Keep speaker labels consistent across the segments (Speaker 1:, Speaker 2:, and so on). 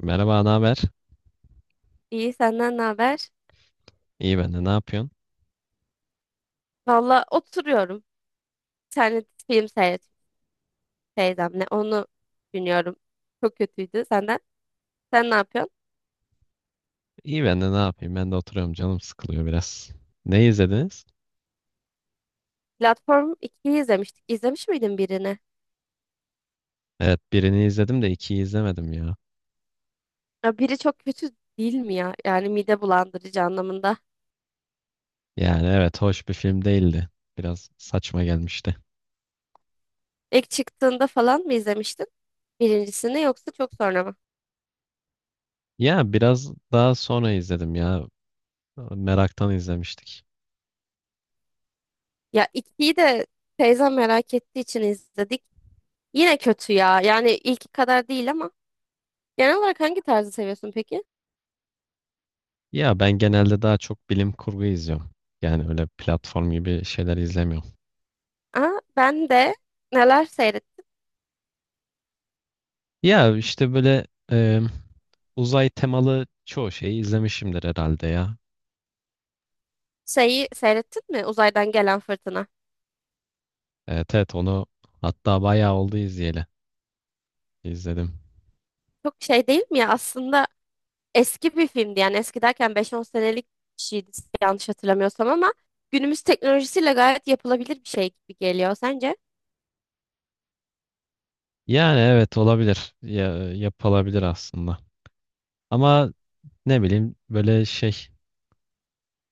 Speaker 1: Merhaba, ne haber?
Speaker 2: İyi, senden ne haber?
Speaker 1: İyi ben de ne yapıyorsun?
Speaker 2: Valla oturuyorum. Bir tane film seyrettim teyzemle. Onu dinliyorum. Çok kötüydü senden. Sen ne yapıyorsun?
Speaker 1: İyi ben de ne yapayım? Ben de oturuyorum, canım sıkılıyor biraz. Ne izlediniz?
Speaker 2: Platform ikiyi izlemiştik. İzlemiş miydin birini?
Speaker 1: Evet birini izledim de ikiyi izlemedim ya.
Speaker 2: Ya biri çok kötü değil mi ya? Yani mide bulandırıcı anlamında.
Speaker 1: Yani evet, hoş bir film değildi. Biraz saçma gelmişti.
Speaker 2: İlk çıktığında falan mı izlemiştin? Birincisini yoksa çok sonra mı?
Speaker 1: Ya biraz daha sonra izledim ya. Meraktan izlemiştik.
Speaker 2: Ya ikiyi de teyzem merak ettiği için izledik. Yine kötü ya. Yani ilki kadar değil ama. Genel olarak hangi tarzı seviyorsun peki?
Speaker 1: Ya ben genelde daha çok bilim kurgu izliyorum. Yani öyle platform gibi şeyler izlemiyorum.
Speaker 2: Aa, ben de neler seyrettim?
Speaker 1: Ya işte böyle e, uzay temalı çoğu şeyi izlemişimdir herhalde ya.
Speaker 2: Şeyi seyrettin mi? Uzaydan gelen fırtına.
Speaker 1: Evet evet, onu hatta bayağı oldu izleyeli. İzledim.
Speaker 2: Çok şey değil mi ya? Aslında eski bir filmdi. Yani eski derken beş on senelik bir şeydi, yanlış hatırlamıyorsam, ama günümüz teknolojisiyle gayet yapılabilir bir şey gibi geliyor sence?
Speaker 1: Yani evet olabilir. Ya, yapılabilir aslında. Ama ne bileyim böyle şey,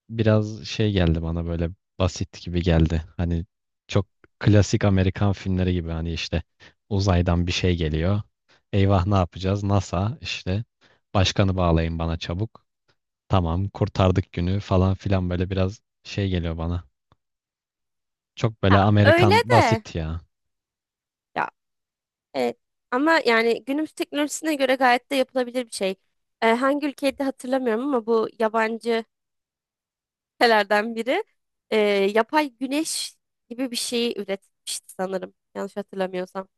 Speaker 1: biraz şey geldi bana, böyle basit gibi geldi. Hani çok klasik Amerikan filmleri gibi, hani işte uzaydan bir şey geliyor. Eyvah, ne yapacağız? NASA işte, başkanı bağlayın bana çabuk. Tamam kurtardık günü falan filan, böyle biraz şey geliyor bana. Çok böyle
Speaker 2: Ya öyle
Speaker 1: Amerikan
Speaker 2: de.
Speaker 1: basit ya.
Speaker 2: Ya evet. Ama yani günümüz teknolojisine göre gayet de yapılabilir bir şey. Hangi ülkeydi hatırlamıyorum ama bu yabancı ülkelerden biri e, yapay güneş gibi bir şeyi üretmişti sanırım. Yanlış hatırlamıyorsam.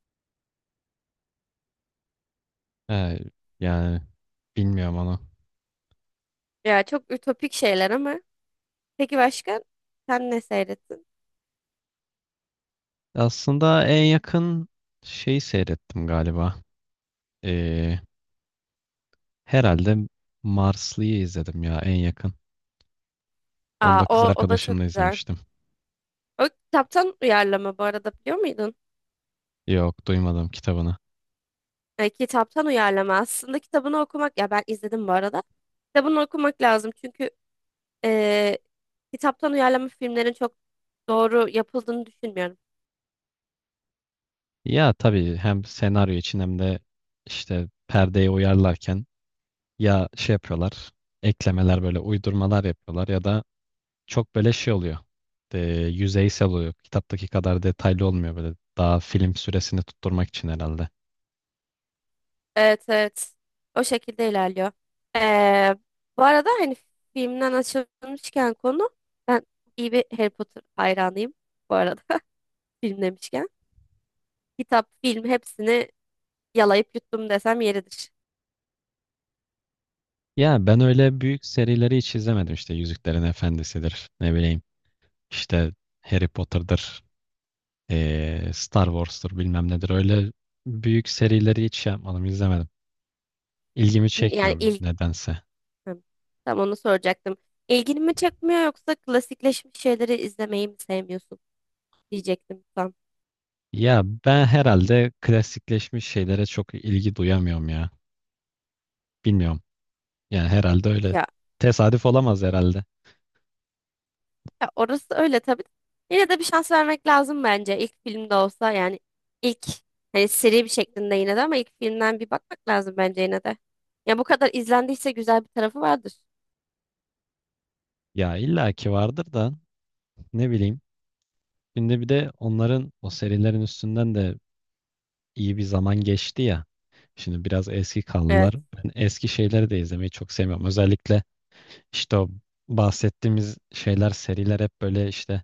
Speaker 1: Evet, yani bilmiyorum onu.
Speaker 2: Ya çok ütopik şeyler ama peki başka? Sen ne seyrettin?
Speaker 1: Aslında en yakın şeyi seyrettim galiba. Ee, herhalde Marslı'yı izledim ya, en yakın. Onu
Speaker 2: Aa,
Speaker 1: da kız
Speaker 2: o da çok
Speaker 1: arkadaşımla
Speaker 2: güzel.
Speaker 1: izlemiştim.
Speaker 2: O kitaptan uyarlama bu arada, biliyor muydun?
Speaker 1: Yok, duymadım kitabını.
Speaker 2: Kitaptan uyarlama. Aslında kitabını okumak, ya ben izledim bu arada. Kitabını okumak lazım çünkü e, kitaptan uyarlama filmlerin çok doğru yapıldığını düşünmüyorum.
Speaker 1: Ya tabii, hem senaryo için hem de işte perdeye uyarlarken ya şey yapıyorlar, eklemeler, böyle uydurmalar yapıyorlar ya da çok böyle şey oluyor. e, Yüzeysel oluyor. Kitaptaki kadar detaylı olmuyor böyle. Daha film süresini tutturmak için herhalde.
Speaker 2: Evet, evet. O şekilde ilerliyor. E, bu arada hani filmden açılmışken konu, ben iyi bir Harry Potter hayranıyım bu arada film demişken. Kitap, film hepsini yalayıp yuttum desem yeridir.
Speaker 1: Ya ben öyle büyük serileri hiç izlemedim, işte Yüzüklerin Efendisi'dir, ne bileyim işte Harry Potter'dır, Star Wars'tur, bilmem nedir, öyle büyük serileri hiç şey yapmadım, izlemedim. İlgimi
Speaker 2: Yani
Speaker 1: çekmiyor nedense.
Speaker 2: Hı, tam onu soracaktım. İlgini mi çekmiyor yoksa klasikleşmiş şeyleri izlemeyi mi sevmiyorsun diyecektim tam.
Speaker 1: Ya ben herhalde klasikleşmiş şeylere çok ilgi duyamıyorum ya. Bilmiyorum. Yani herhalde öyle.
Speaker 2: Ya,
Speaker 1: Tesadüf olamaz herhalde.
Speaker 2: ya orası öyle tabii. Yine de bir şans vermek lazım bence. İlk filmde olsa yani ilk, hani seri bir şeklinde yine de, ama ilk filmden bir bakmak lazım bence yine de. Ya bu kadar izlendiyse güzel bir tarafı vardır.
Speaker 1: Ya illaki vardır da, ne bileyim. Şimdi bir de onların, o serilerin üstünden de iyi bir zaman geçti ya. Şimdi biraz eski
Speaker 2: Evet.
Speaker 1: kaldılar. Ben eski şeyleri de izlemeyi çok sevmiyorum. Özellikle işte o bahsettiğimiz şeyler, seriler hep böyle işte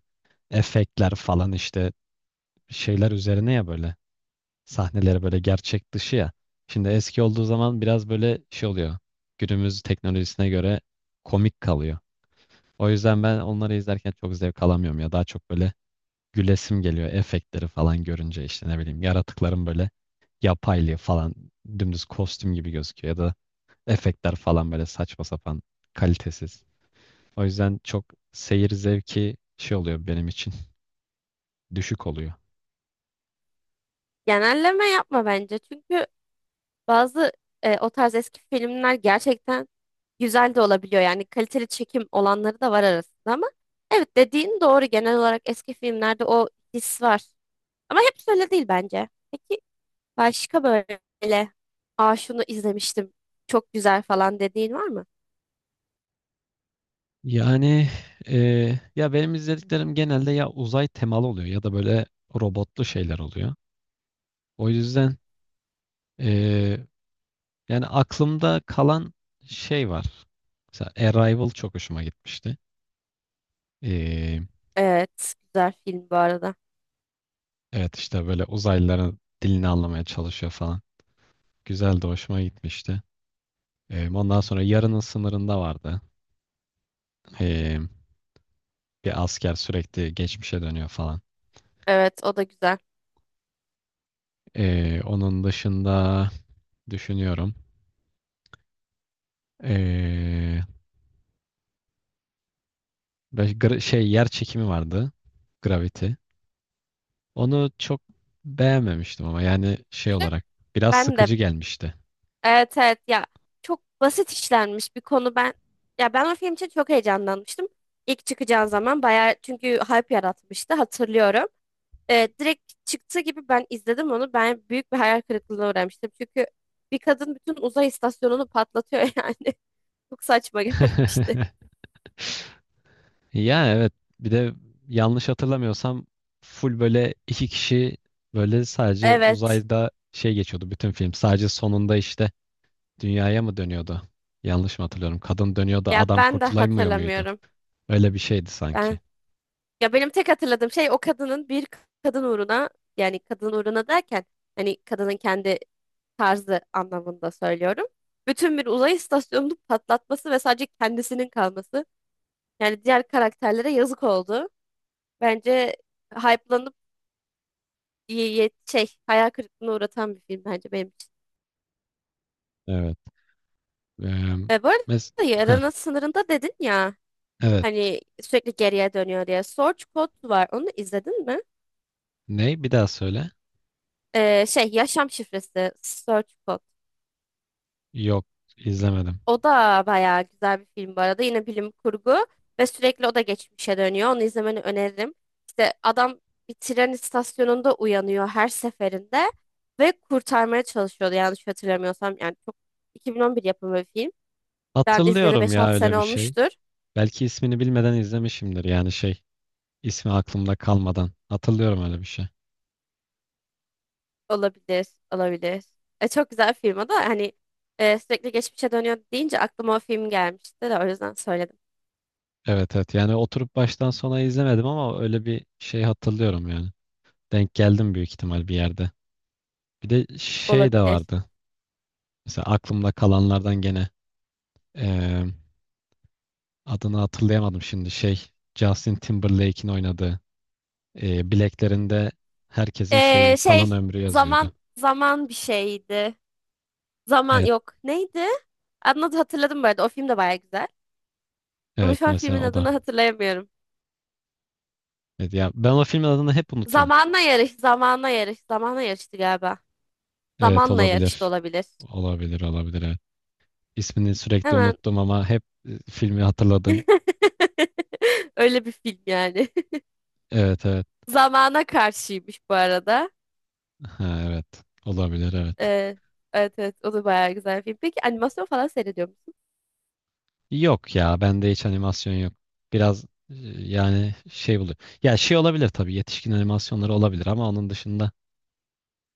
Speaker 1: efektler falan, işte şeyler üzerine ya, böyle. Sahneleri böyle gerçek dışı ya. Şimdi eski olduğu zaman biraz böyle şey oluyor, günümüz teknolojisine göre komik kalıyor. O yüzden ben onları izlerken çok zevk alamıyorum ya. Daha çok böyle gülesim geliyor efektleri falan görünce, işte ne bileyim, yaratıkların böyle yapaylığı falan, dümdüz kostüm gibi gözüküyor ya da efektler falan böyle saçma sapan, kalitesiz. O yüzden çok seyir zevki şey oluyor benim için, düşük oluyor.
Speaker 2: Genelleme yapma bence. Çünkü bazı, o tarz eski filmler gerçekten güzel de olabiliyor. Yani kaliteli çekim olanları da var arasında ama evet, dediğin doğru. Genel olarak eski filmlerde o his var. Ama hep öyle değil bence. Peki başka böyle "aa, şunu izlemiştim, çok güzel" falan dediğin var mı?
Speaker 1: Yani ya benim izlediklerim genelde ya uzay temalı oluyor ya da böyle robotlu şeyler oluyor. O yüzden eee, yani aklımda kalan şey var. Mesela Arrival çok hoşuma gitmişti. Eee,
Speaker 2: Evet, güzel film bu arada.
Speaker 1: evet işte böyle uzaylıların dilini anlamaya çalışıyor falan. Güzel, de hoşuma gitmişti. Ondan sonra Yarının Sınırında vardı. Eee, bir asker sürekli geçmişe dönüyor falan.
Speaker 2: Evet, o da güzel.
Speaker 1: Onun dışında düşünüyorum. Eee, Böyle şey, yer çekimi vardı. Gravity. Onu çok beğenmemiştim, ama yani şey olarak biraz
Speaker 2: Ben de
Speaker 1: sıkıcı gelmişti.
Speaker 2: Evet, evet, ya çok basit işlenmiş bir konu, ya ben o film için çok heyecanlanmıştım. İlk çıkacağı zaman bayağı çünkü hype yaratmıştı, hatırlıyorum. Direkt çıktığı gibi ben izledim onu, ben büyük bir hayal kırıklığına uğramıştım. Çünkü bir kadın bütün uzay istasyonunu patlatıyor yani çok saçma gelmişti.
Speaker 1: Ya evet, bir de yanlış hatırlamıyorsam full böyle iki kişi, böyle sadece
Speaker 2: Evet,
Speaker 1: uzayda şey geçiyordu bütün film. Sadece sonunda işte Dünyaya mı dönüyordu? Yanlış mı hatırlıyorum? Kadın dönüyordu,
Speaker 2: ya
Speaker 1: adam
Speaker 2: ben de
Speaker 1: kurtulamıyor muydu?
Speaker 2: hatırlamıyorum.
Speaker 1: Öyle bir şeydi sanki.
Speaker 2: Ben Ya benim tek hatırladığım şey, o kadının bir kadın uğruna, yani kadın uğruna derken hani kadının kendi tarzı anlamında söylüyorum. Bütün bir uzay istasyonunu patlatması ve sadece kendisinin kalması. Yani diğer karakterlere yazık oldu. Bence hype'lanıp şey, hayal kırıklığına uğratan bir film bence benim için.
Speaker 1: Evet. Eee
Speaker 2: Bu arada
Speaker 1: mes Heh,
Speaker 2: Yarının Sınırında dedin ya,
Speaker 1: evet.
Speaker 2: hani sürekli geriye dönüyor diye. Source Code var. Onu izledin mi?
Speaker 1: Ne? Bir daha söyle.
Speaker 2: Şey Yaşam Şifresi, Source Code.
Speaker 1: Yok, izlemedim.
Speaker 2: O da bayağı güzel bir film bu arada. Yine bilim kurgu ve sürekli o da geçmişe dönüyor. Onu izlemeni öneririm. İşte adam bir tren istasyonunda uyanıyor her seferinde ve kurtarmaya çalışıyordu. Yanlış hatırlamıyorsam yani, çok, 2011 yapımı bir film. Ben izleyeli
Speaker 1: Hatırlıyorum ya,
Speaker 2: 5-6
Speaker 1: öyle
Speaker 2: sene
Speaker 1: bir şey.
Speaker 2: olmuştur.
Speaker 1: Belki ismini bilmeden izlemişimdir yani şey, ismi aklımda kalmadan. Hatırlıyorum öyle bir şey.
Speaker 2: Olabilir, olabilir. Çok güzel film o da hani, sürekli geçmişe dönüyor deyince aklıma o film gelmişti de o yüzden söyledim.
Speaker 1: Evet evet. Yani oturup baştan sona izlemedim ama öyle bir şey hatırlıyorum yani. Denk geldim büyük ihtimal bir yerde. Bir de şey de
Speaker 2: Olabilir.
Speaker 1: vardı. Mesela aklımda kalanlardan gene. Adını hatırlayamadım şimdi şey. Justin Timberlake'in oynadığı. Bileklerinde herkesin şeyi,
Speaker 2: Şey,
Speaker 1: kalan ömrü yazıyordu.
Speaker 2: zaman zaman bir şeydi. Zaman
Speaker 1: Evet,
Speaker 2: yok. Neydi? Adını hatırladım bu arada. O film de baya güzel. Ama
Speaker 1: evet
Speaker 2: şu an
Speaker 1: mesela
Speaker 2: filmin
Speaker 1: o da.
Speaker 2: adını hatırlayamıyorum.
Speaker 1: Evet, ya ben o filmin adını hep unutuyorum.
Speaker 2: Zamanla yarış, zamanla yarış, zamanla yarıştı galiba.
Speaker 1: Evet,
Speaker 2: Zamanla yarış da
Speaker 1: olabilir.
Speaker 2: olabilir.
Speaker 1: Olabilir olabilir, evet. İsmini sürekli
Speaker 2: Hemen.
Speaker 1: unuttum ama hep filmi hatırladım.
Speaker 2: Öyle bir film yani.
Speaker 1: Evet evet.
Speaker 2: Zamana karşıymış bu arada.
Speaker 1: Ha, evet. Olabilir, evet.
Speaker 2: Ee, evet, evet, o da bayağı güzel bir film. Peki animasyon falan seyrediyor musun?
Speaker 1: Yok ya, bende hiç animasyon yok. Biraz yani şey buluyor. Ya şey olabilir tabii, yetişkin animasyonları olabilir ama onun dışında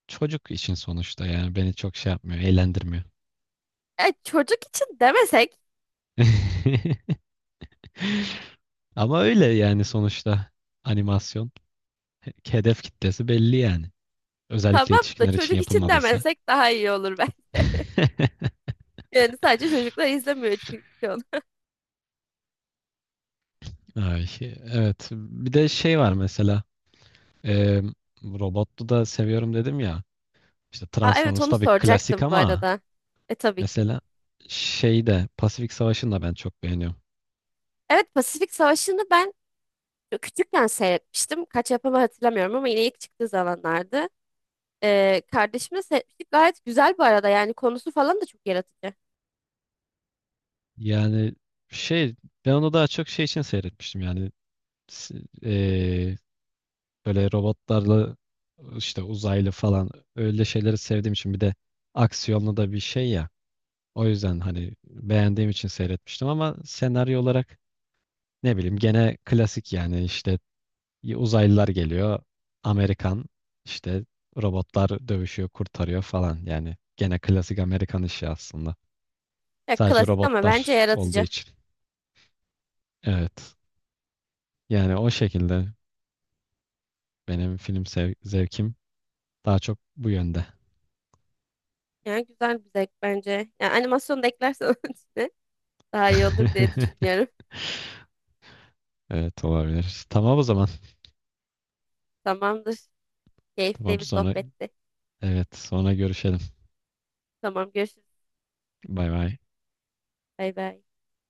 Speaker 1: çocuk için sonuçta, yani beni çok şey yapmıyor, eğlendirmiyor.
Speaker 2: Çocuk için demesek,
Speaker 1: Ama öyle yani, sonuçta animasyon hedef kitlesi belli yani. Özellikle
Speaker 2: tamam da,
Speaker 1: yetişkinler için
Speaker 2: çocuk için
Speaker 1: yapılmadıysa.
Speaker 2: demesek daha iyi olur ben. Yani sadece çocuklar izlemiyor çünkü...
Speaker 1: Ay, evet. Bir de şey var mesela. E, robotlu da seviyorum dedim ya. İşte
Speaker 2: Aa, evet,
Speaker 1: Transformers
Speaker 2: onu
Speaker 1: tabii klasik,
Speaker 2: soracaktım bu
Speaker 1: ama
Speaker 2: arada. E, tabii ki.
Speaker 1: mesela şey de, Pasifik Savaşı'nı da ben çok beğeniyorum.
Speaker 2: Evet, Pasifik Savaşı'nı ben küçükken seyretmiştim. Kaç yapımı hatırlamıyorum ama yine ilk çıktığı zamanlardı. Kardeşimle seyretmiştik. Gayet güzel bu arada, yani konusu falan da çok yaratıcı.
Speaker 1: Yani şey, ben onu daha çok şey için seyretmiştim yani, s- böyle robotlarla işte uzaylı falan, öyle şeyleri sevdiğim için, bir de aksiyonlu da bir şey ya. O yüzden hani beğendiğim için seyretmiştim, ama senaryo olarak ne bileyim gene klasik, yani işte uzaylılar geliyor. Amerikan, işte robotlar dövüşüyor, kurtarıyor falan. Yani gene klasik Amerikan işi aslında.
Speaker 2: Ya,
Speaker 1: Sadece
Speaker 2: klasik ama bence
Speaker 1: robotlar olduğu
Speaker 2: yaratıcı.
Speaker 1: için. Evet. Yani o şekilde benim film zevkim daha çok bu yönde.
Speaker 2: Yani güzel bir zevk bence. Yani animasyonu da eklersen onun içine daha iyi olur diye düşünüyorum.
Speaker 1: Evet, olabilir. Tamam o zaman.
Speaker 2: Tamamdır. Keyifli
Speaker 1: Tamam
Speaker 2: bir
Speaker 1: sonra,
Speaker 2: sohbetti.
Speaker 1: evet sonra görüşelim.
Speaker 2: Tamam, görüşürüz.
Speaker 1: Bay bay.
Speaker 2: Bay bay.